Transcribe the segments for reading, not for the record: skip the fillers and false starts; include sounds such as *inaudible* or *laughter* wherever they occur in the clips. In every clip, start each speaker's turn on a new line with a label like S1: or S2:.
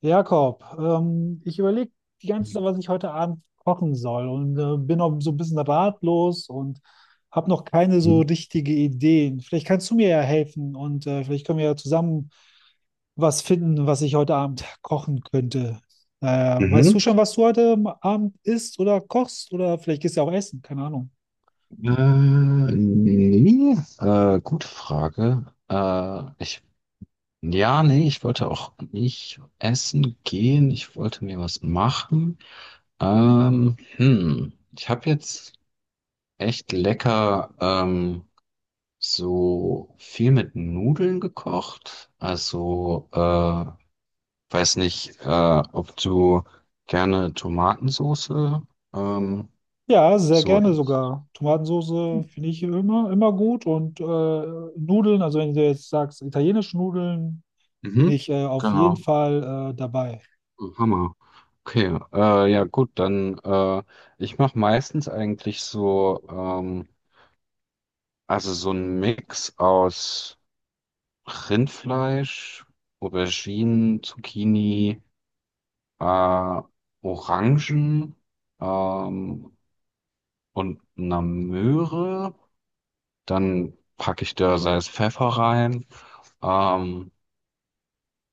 S1: Jakob, ich überlege die ganze Zeit,
S2: Mhm.
S1: was ich heute Abend kochen soll, und bin auch so ein bisschen ratlos und habe noch keine so richtige Ideen. Vielleicht kannst du mir ja helfen und vielleicht können wir ja zusammen was finden, was ich heute Abend kochen könnte. Äh, Weißt
S2: Mhm.
S1: du schon, was du heute Abend isst oder kochst, oder vielleicht gehst du ja auch essen, keine Ahnung.
S2: Nee, gute Frage. Ja, nee, ich wollte auch nicht essen gehen. Ich wollte mir was machen. Ich habe jetzt echt lecker so viel mit Nudeln gekocht. Also, weiß nicht, ob du gerne Tomatensoße ähm,
S1: Ja, sehr
S2: so
S1: gerne
S2: isst.
S1: sogar. Tomatensoße finde ich immer, immer gut, und Nudeln, also wenn du jetzt sagst, italienische Nudeln, bin
S2: Mhm.
S1: ich auf jeden
S2: Genau.
S1: Fall dabei.
S2: Hammer. Okay, ja gut, dann ich mache meistens eigentlich so, also so einen Mix aus Rindfleisch, Auberginen, Zucchini, äh, Orangen, ähm, und einer Möhre. Dann packe ich da Salz, Pfeffer rein. Ähm,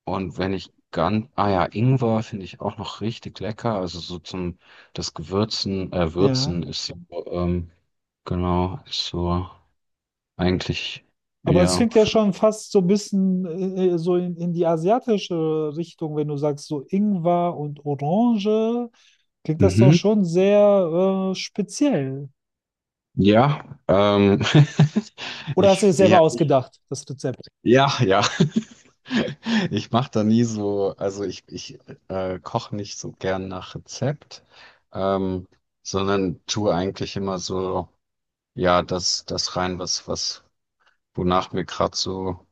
S2: Und wenn ich ganz, ah ja, Ingwer finde ich auch noch richtig lecker. Also so zum
S1: Ja.
S2: Würzen ist so, ähm, genau, ist so eigentlich,
S1: Aber das
S2: ja,
S1: klingt ja
S2: für,
S1: schon fast so ein bisschen so in die asiatische Richtung. Wenn du sagst, so Ingwer und Orange, klingt das doch
S2: mhm.
S1: schon sehr speziell.
S2: Ja, *laughs*
S1: Oder hast du es
S2: ich,
S1: selber
S2: ja, ich,
S1: ausgedacht, das Rezept?
S2: ja, ja. *laughs* Ich mache da nie so, also ich koche nicht so gern nach Rezept, ähm, sondern tue eigentlich immer so, ja, das rein, was, wonach mir gerade so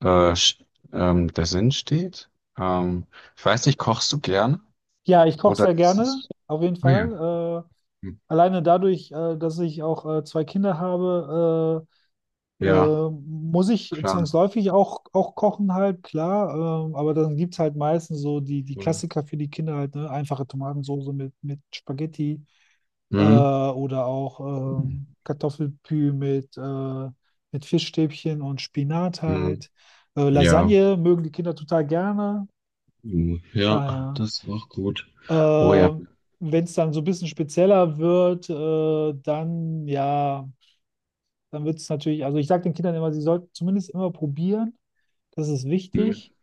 S2: äh, sch- der Sinn steht. Ähm, ich weiß nicht, kochst du gern?
S1: Ja, ich koche
S2: Oder
S1: sehr
S2: ist
S1: gerne,
S2: es...
S1: auf jeden
S2: Nee.
S1: Fall.
S2: Hm.
S1: Alleine dadurch, dass ich auch zwei Kinder habe,
S2: Ja,
S1: muss ich
S2: klar.
S1: zwangsläufig auch, auch kochen halt, klar. Aber dann gibt es halt meistens so die
S2: Voll.
S1: Klassiker für die Kinder halt, ne? Einfache Tomatensoße mit Spaghetti
S2: Mhm.
S1: oder auch Kartoffelpü mit Fischstäbchen und Spinat
S2: Mhm.
S1: halt.
S2: Ja.
S1: Lasagne mögen die Kinder total gerne.
S2: Mhm. Ja,
S1: Daher.
S2: das ist auch gut. Oh ja.
S1: Äh, Wenn es dann so ein bisschen spezieller wird, dann wird es natürlich, also ich sage den Kindern immer, sie sollten zumindest immer probieren, das ist
S2: Mhm.
S1: wichtig,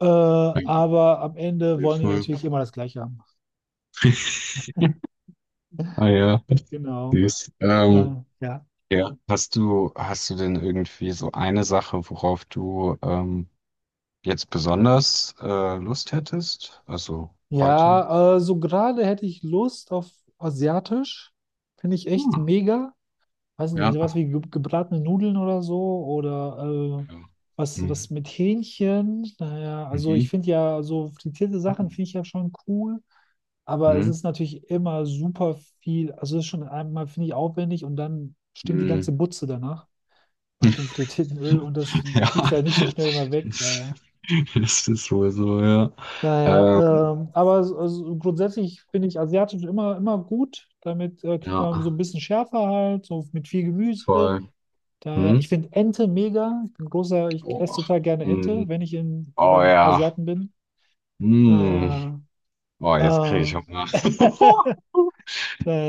S2: Danke.
S1: aber am Ende
S2: Ja,
S1: wollen die
S2: voll.
S1: natürlich immer das Gleiche haben.
S2: *laughs* Ah ja,
S1: Genau.
S2: süß.
S1: Ja, ja.
S2: Ja. Hast du denn irgendwie so eine Sache, worauf du jetzt besonders Lust hättest? Also heute?
S1: Ja, so gerade hätte ich Lust auf Asiatisch, finde ich echt
S2: Hm.
S1: mega. Weiß nicht, sowas
S2: Ja.
S1: wie ge gebratene Nudeln oder so oder
S2: Ja.
S1: was, was
S2: Mhm.
S1: mit Hähnchen. Naja, also ich
S2: Mhm.
S1: finde ja so frittierte Sachen
S2: Mhm.
S1: finde ich ja schon cool, aber es
S2: Mhm.
S1: ist natürlich immer super viel. Also es ist schon einmal, finde ich, aufwendig, und dann stinkt die ganze
S2: Mhm.
S1: Butze danach, nach dem frittierten Öl, und das kriegst
S2: Ja,
S1: du halt nicht so schnell mal
S2: *laughs*
S1: weg.
S2: das
S1: Daher.
S2: das ist wohl so, ja. Ähm,
S1: Naja, aber also grundsätzlich finde ich asiatisch immer, immer gut. Damit kriegt
S2: ja,
S1: man so ein bisschen schärfer halt, so mit viel Gemüse.
S2: voll.
S1: Daher, ich
S2: Hm?
S1: finde Ente mega. Ich bin großer, ich
S2: Oh,
S1: esse total gerne Ente,
S2: hm.
S1: wenn ich
S2: Oh
S1: beim
S2: ja.
S1: Asiaten bin.
S2: Hm.
S1: Daher,
S2: Oh, jetzt kriege ich
S1: äh,
S2: Hunger. *laughs*
S1: *laughs*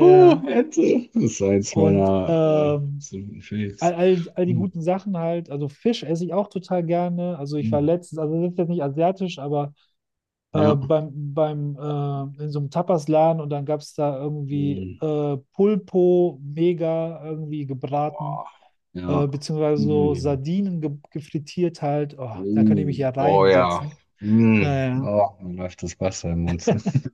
S2: Oh, hätte. Das ist eins
S1: Und
S2: meiner absoluten
S1: all,
S2: Faves.
S1: all, all die
S2: Hm.
S1: guten Sachen halt. Also Fisch esse ich auch total gerne. Also ich war
S2: Hm.
S1: letztens, also das ist jetzt nicht asiatisch, aber
S2: Ja.
S1: beim, beim in so einem Tapasladen, und dann gab es da irgendwie
S2: Hm.
S1: Pulpo mega irgendwie gebraten,
S2: Boah. Ja.
S1: beziehungsweise so
S2: Hm.
S1: Sardinen ge gefrittiert halt. Oh, da könnte ich
S2: Oh,
S1: mich ja
S2: oh ja.
S1: reinsetzen.
S2: Hm.
S1: Naja,
S2: Oh, mir läuft das Wasser im Mund. *laughs*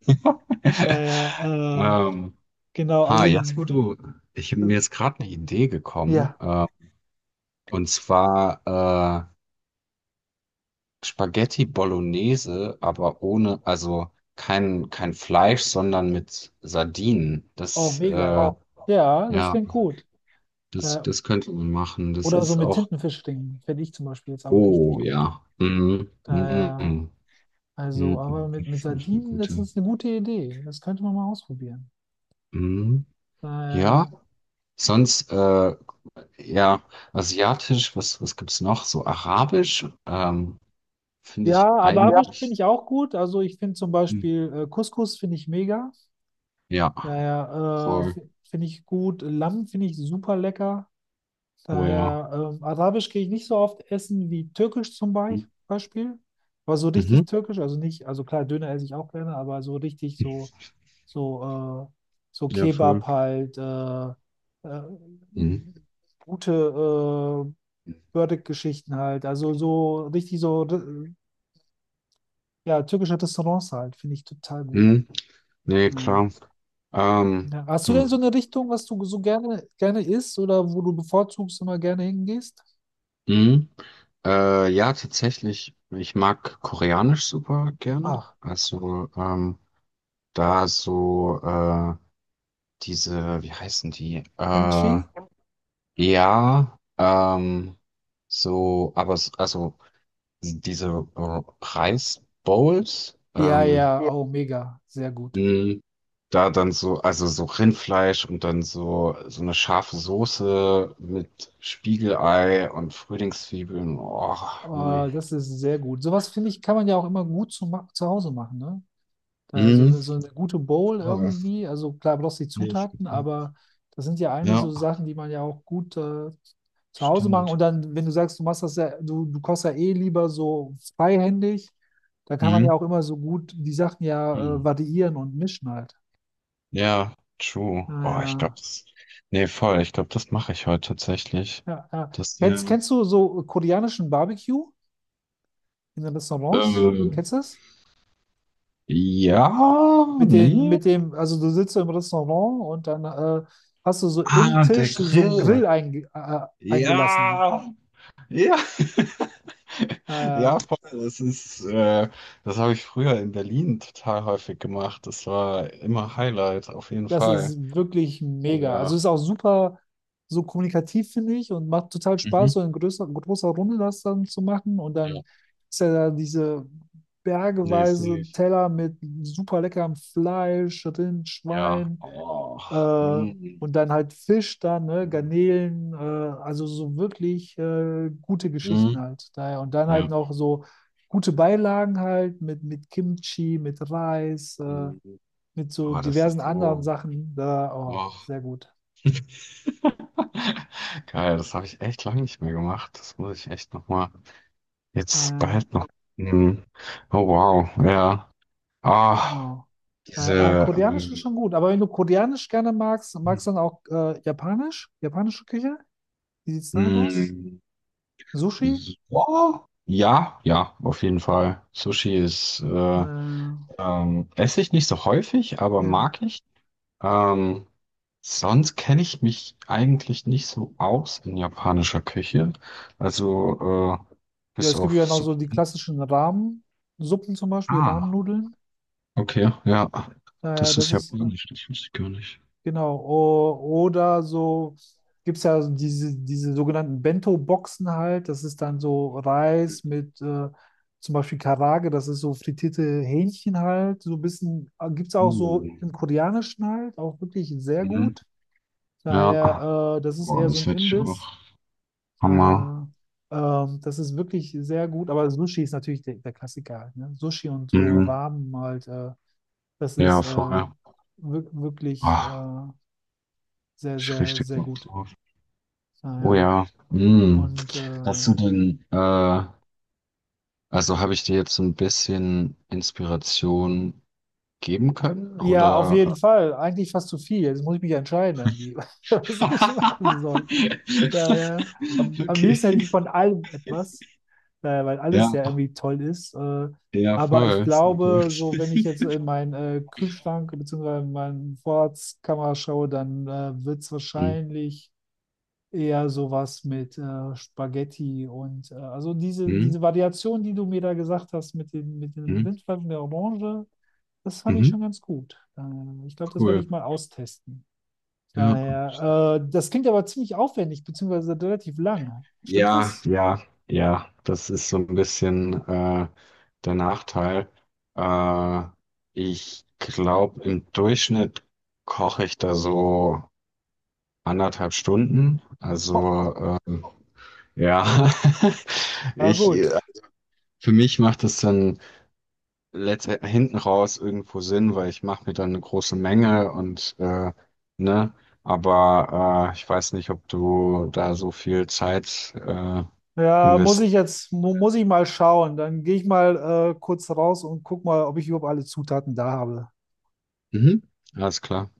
S1: naja,
S2: Ähm,
S1: genau,
S2: ha,
S1: also
S2: jetzt wo du, ich bin
S1: äh,
S2: mir jetzt gerade eine Idee gekommen.
S1: ja,
S2: Und zwar Spaghetti Bolognese, aber ohne, also kein Fleisch, sondern mit Sardinen.
S1: oh, mega.
S2: Oh,
S1: Ja, das
S2: ja,
S1: klingt gut. Da,
S2: das könnte man machen. Das
S1: oder so
S2: ist
S1: mit
S2: auch,
S1: Tintenfischringen fände ich zum Beispiel jetzt auch richtig
S2: oh ja.
S1: gut.
S2: Mhm.
S1: Naja,
S2: Mhm.
S1: also, aber
S2: Mhm. Das
S1: mit
S2: ist auch eine
S1: Sardinen, das
S2: gute.
S1: ist eine gute Idee. Das könnte man mal ausprobieren.
S2: Mhm. Ja.
S1: Naja.
S2: Sonst ja, asiatisch, was gibt's noch? So arabisch, finde ich ja
S1: Ja, Arabisch finde
S2: eigentlich,
S1: ich auch gut. Also ich finde zum
S2: hm,
S1: Beispiel Couscous finde ich mega.
S2: ja,
S1: Daher
S2: voll.
S1: finde ich gut. Lamm finde ich super lecker.
S2: Oh ja.
S1: Daher Arabisch gehe ich nicht so oft essen wie Türkisch zum
S2: Hm.
S1: Beispiel. Aber so
S2: Mhm.
S1: richtig Türkisch, also nicht, also klar, Döner esse ich auch gerne, aber so richtig so, so, äh, so
S2: Ja, voll.
S1: Kebab halt, äh,
S2: Mhm.
S1: gute äh, Burdick-Geschichten halt. Also so richtig so, ja, türkische Restaurants halt, finde ich total gut.
S2: Mhm. Nee,
S1: Ja.
S2: klar. Ähm,
S1: Ja. Hast du denn so
S2: hm.
S1: eine Richtung, was du so gerne, gerne isst, oder wo du bevorzugst immer gerne hingehst?
S2: Mhm. Ja, tatsächlich, ich mag Koreanisch super gerne.
S1: Ach,
S2: Also, da so, diese, wie heißen die?
S1: Kimchi?
S2: Ja, so, aber s- also diese Reisbowls,
S1: Ja, ja,
S2: ja,
S1: oh, mega, sehr gut.
S2: mh, da dann so, also so Rindfleisch und dann so, so eine scharfe Soße mit Spiegelei und Frühlingszwiebeln. Oh, mh.
S1: Oh, das ist sehr gut. Sowas finde ich, kann man ja auch immer gut zu, zu Hause machen, ne? Da
S2: Mhm.
S1: so eine gute Bowl
S2: Oh,
S1: irgendwie, also klar, bloß die
S2: nicht.
S1: Zutaten, aber das sind ja eigentlich
S2: Ja,
S1: so Sachen, die man ja auch gut zu Hause machen.
S2: stimmt.
S1: Und dann, wenn du sagst, du machst das ja, du kochst ja eh lieber so freihändig, dann kann man
S2: Mhm.
S1: ja auch immer so gut die Sachen ja
S2: Mhm.
S1: variieren und mischen halt.
S2: Ja, true. Oh, ich
S1: Naja,
S2: glaube, das, nee, voll, ich glaube, das mache ich heute tatsächlich.
S1: ja, ja. Ja.
S2: Das, ja.
S1: Kennst, kennst du so koreanischen Barbecue in den Restaurants?
S2: Ähm,
S1: Kennst du das?
S2: ja, nee.
S1: Mit dem, also du sitzt so im Restaurant, und dann hast du so im
S2: Ah, der
S1: Tisch so einen Grill
S2: Grill.
S1: eingelassen.
S2: Ja, ja, *laughs*
S1: Äh,
S2: ja, voll. Das habe ich früher in Berlin total häufig gemacht. Das war immer Highlight, auf jeden
S1: das
S2: Fall.
S1: ist wirklich
S2: Oh
S1: mega. Also
S2: ja.
S1: ist auch super so kommunikativ, finde ich, und macht total Spaß,
S2: Mhm.
S1: so in größer, großer Runde das dann zu machen. Und
S2: Ja.
S1: dann ist ja da diese
S2: Nee, sehe
S1: bergeweise
S2: ich.
S1: Teller mit super leckerem Fleisch, Rind,
S2: Ja.
S1: Schwein.
S2: Oh.
S1: Äh,
S2: Mhm.
S1: und dann halt Fisch dann, ne, Garnelen, also so wirklich gute Geschichten
S2: Mhm.
S1: halt. Daher. Und dann halt
S2: Ja.
S1: noch so gute Beilagen halt mit Kimchi, mit Reis,
S2: Mhm.
S1: mit so
S2: Oh, das ist
S1: diversen anderen
S2: so.
S1: Sachen. Da, oh,
S2: Oh.
S1: sehr gut.
S2: *laughs* Geil, das habe ich echt lange nicht mehr gemacht. Das muss ich echt nochmal jetzt
S1: Äh,
S2: bald noch nehmen. Oh wow, ja. Ah.
S1: genau.
S2: Diese,
S1: Koreanisch ist schon gut, aber wenn du Koreanisch gerne magst,
S2: ähm,
S1: magst du dann auch Japanisch? Japanische Küche? Wie sieht es damit aus?
S2: mh,
S1: Sushi?
S2: ja, ja, auf jeden Fall. Sushi ist, äh,
S1: Äh,
S2: ähm, esse ich nicht so häufig, aber
S1: ja.
S2: mag ich. Ähm, sonst kenne ich mich eigentlich nicht so aus in japanischer Küche. Also,
S1: Ja,
S2: bis
S1: es gibt
S2: auf
S1: ja noch so die
S2: Sushi.
S1: klassischen Ramen-Suppen zum Beispiel,
S2: Ah,
S1: Ramen-Nudeln.
S2: okay, ja.
S1: Äh,
S2: Das
S1: das
S2: ist
S1: ist, äh,
S2: japanisch, das wusste ich gar nicht.
S1: genau. O oder so gibt es ja so diese sogenannten Bento-Boxen halt. Das ist dann so Reis mit zum Beispiel Karage, das ist so frittierte Hähnchen halt. So ein bisschen, gibt es auch
S2: Uh,
S1: so im Koreanischen halt, auch wirklich sehr
S2: mhm.
S1: gut.
S2: Ja,
S1: Daher, das ist
S2: boah,
S1: eher so
S2: das
S1: ein
S2: hätte ich
S1: Imbiss.
S2: auch. Hammer.
S1: Daher, das ist wirklich sehr gut, aber Sushi ist natürlich der Klassiker halt, ne? Sushi und so
S2: Mhm.
S1: Ramen halt, das ist
S2: Ja,
S1: äh,
S2: voll.
S1: wirklich
S2: Ah,
S1: sehr,
S2: ich
S1: sehr,
S2: richtig
S1: sehr
S2: Bock
S1: gut.
S2: drauf. Oh
S1: Daher,
S2: ja. Mm.
S1: und
S2: Hast du denn, äh, also habe ich dir jetzt ein bisschen Inspiration geben können?
S1: ja, auf
S2: Oder?
S1: jeden Fall, eigentlich fast zu viel. Jetzt muss ich mich entscheiden irgendwie, *laughs* was ich machen soll.
S2: *laughs*
S1: Daher, am
S2: Okay.
S1: liebsten hätte ich von allem etwas, daher, weil alles ja
S2: Ja,
S1: irgendwie toll ist.
S2: ja,
S1: Aber ich
S2: voll. Sehr gut.
S1: glaube, so wenn ich jetzt in
S2: *laughs*
S1: meinen Kühlschrank bzw. in meine Vorratskammer schaue, dann wird es wahrscheinlich eher sowas mit Spaghetti und also diese,
S2: Mhm.
S1: diese Variation, die du mir da gesagt hast mit dem
S2: Mhm.
S1: Rindfleisch und der Orange, das fand ich
S2: Mhm.
S1: schon ganz gut. Ich glaube, das werde
S2: Cool.
S1: ich mal austesten.
S2: Ja.
S1: Daher, das klingt aber ziemlich aufwendig, beziehungsweise relativ lang. Stimmt
S2: Ja,
S1: das?
S2: ja, ja, das ist so ein bisschen der Nachteil. Äh, ich glaube, im Durchschnitt koche ich da so 1,5 Stunden. Also ja, *laughs*
S1: Ja,
S2: ich
S1: gut.
S2: für mich macht das dann letzte, hinten raus irgendwo Sinn, weil ich mache mir dann eine große Menge und ne, aber ich weiß nicht, ob du da so viel Zeit
S1: Ja, muss ich jetzt, mu muss ich mal schauen. Dann gehe ich mal kurz raus und guck mal, ob ich überhaupt alle Zutaten da habe.
S2: Mhm. Alles klar.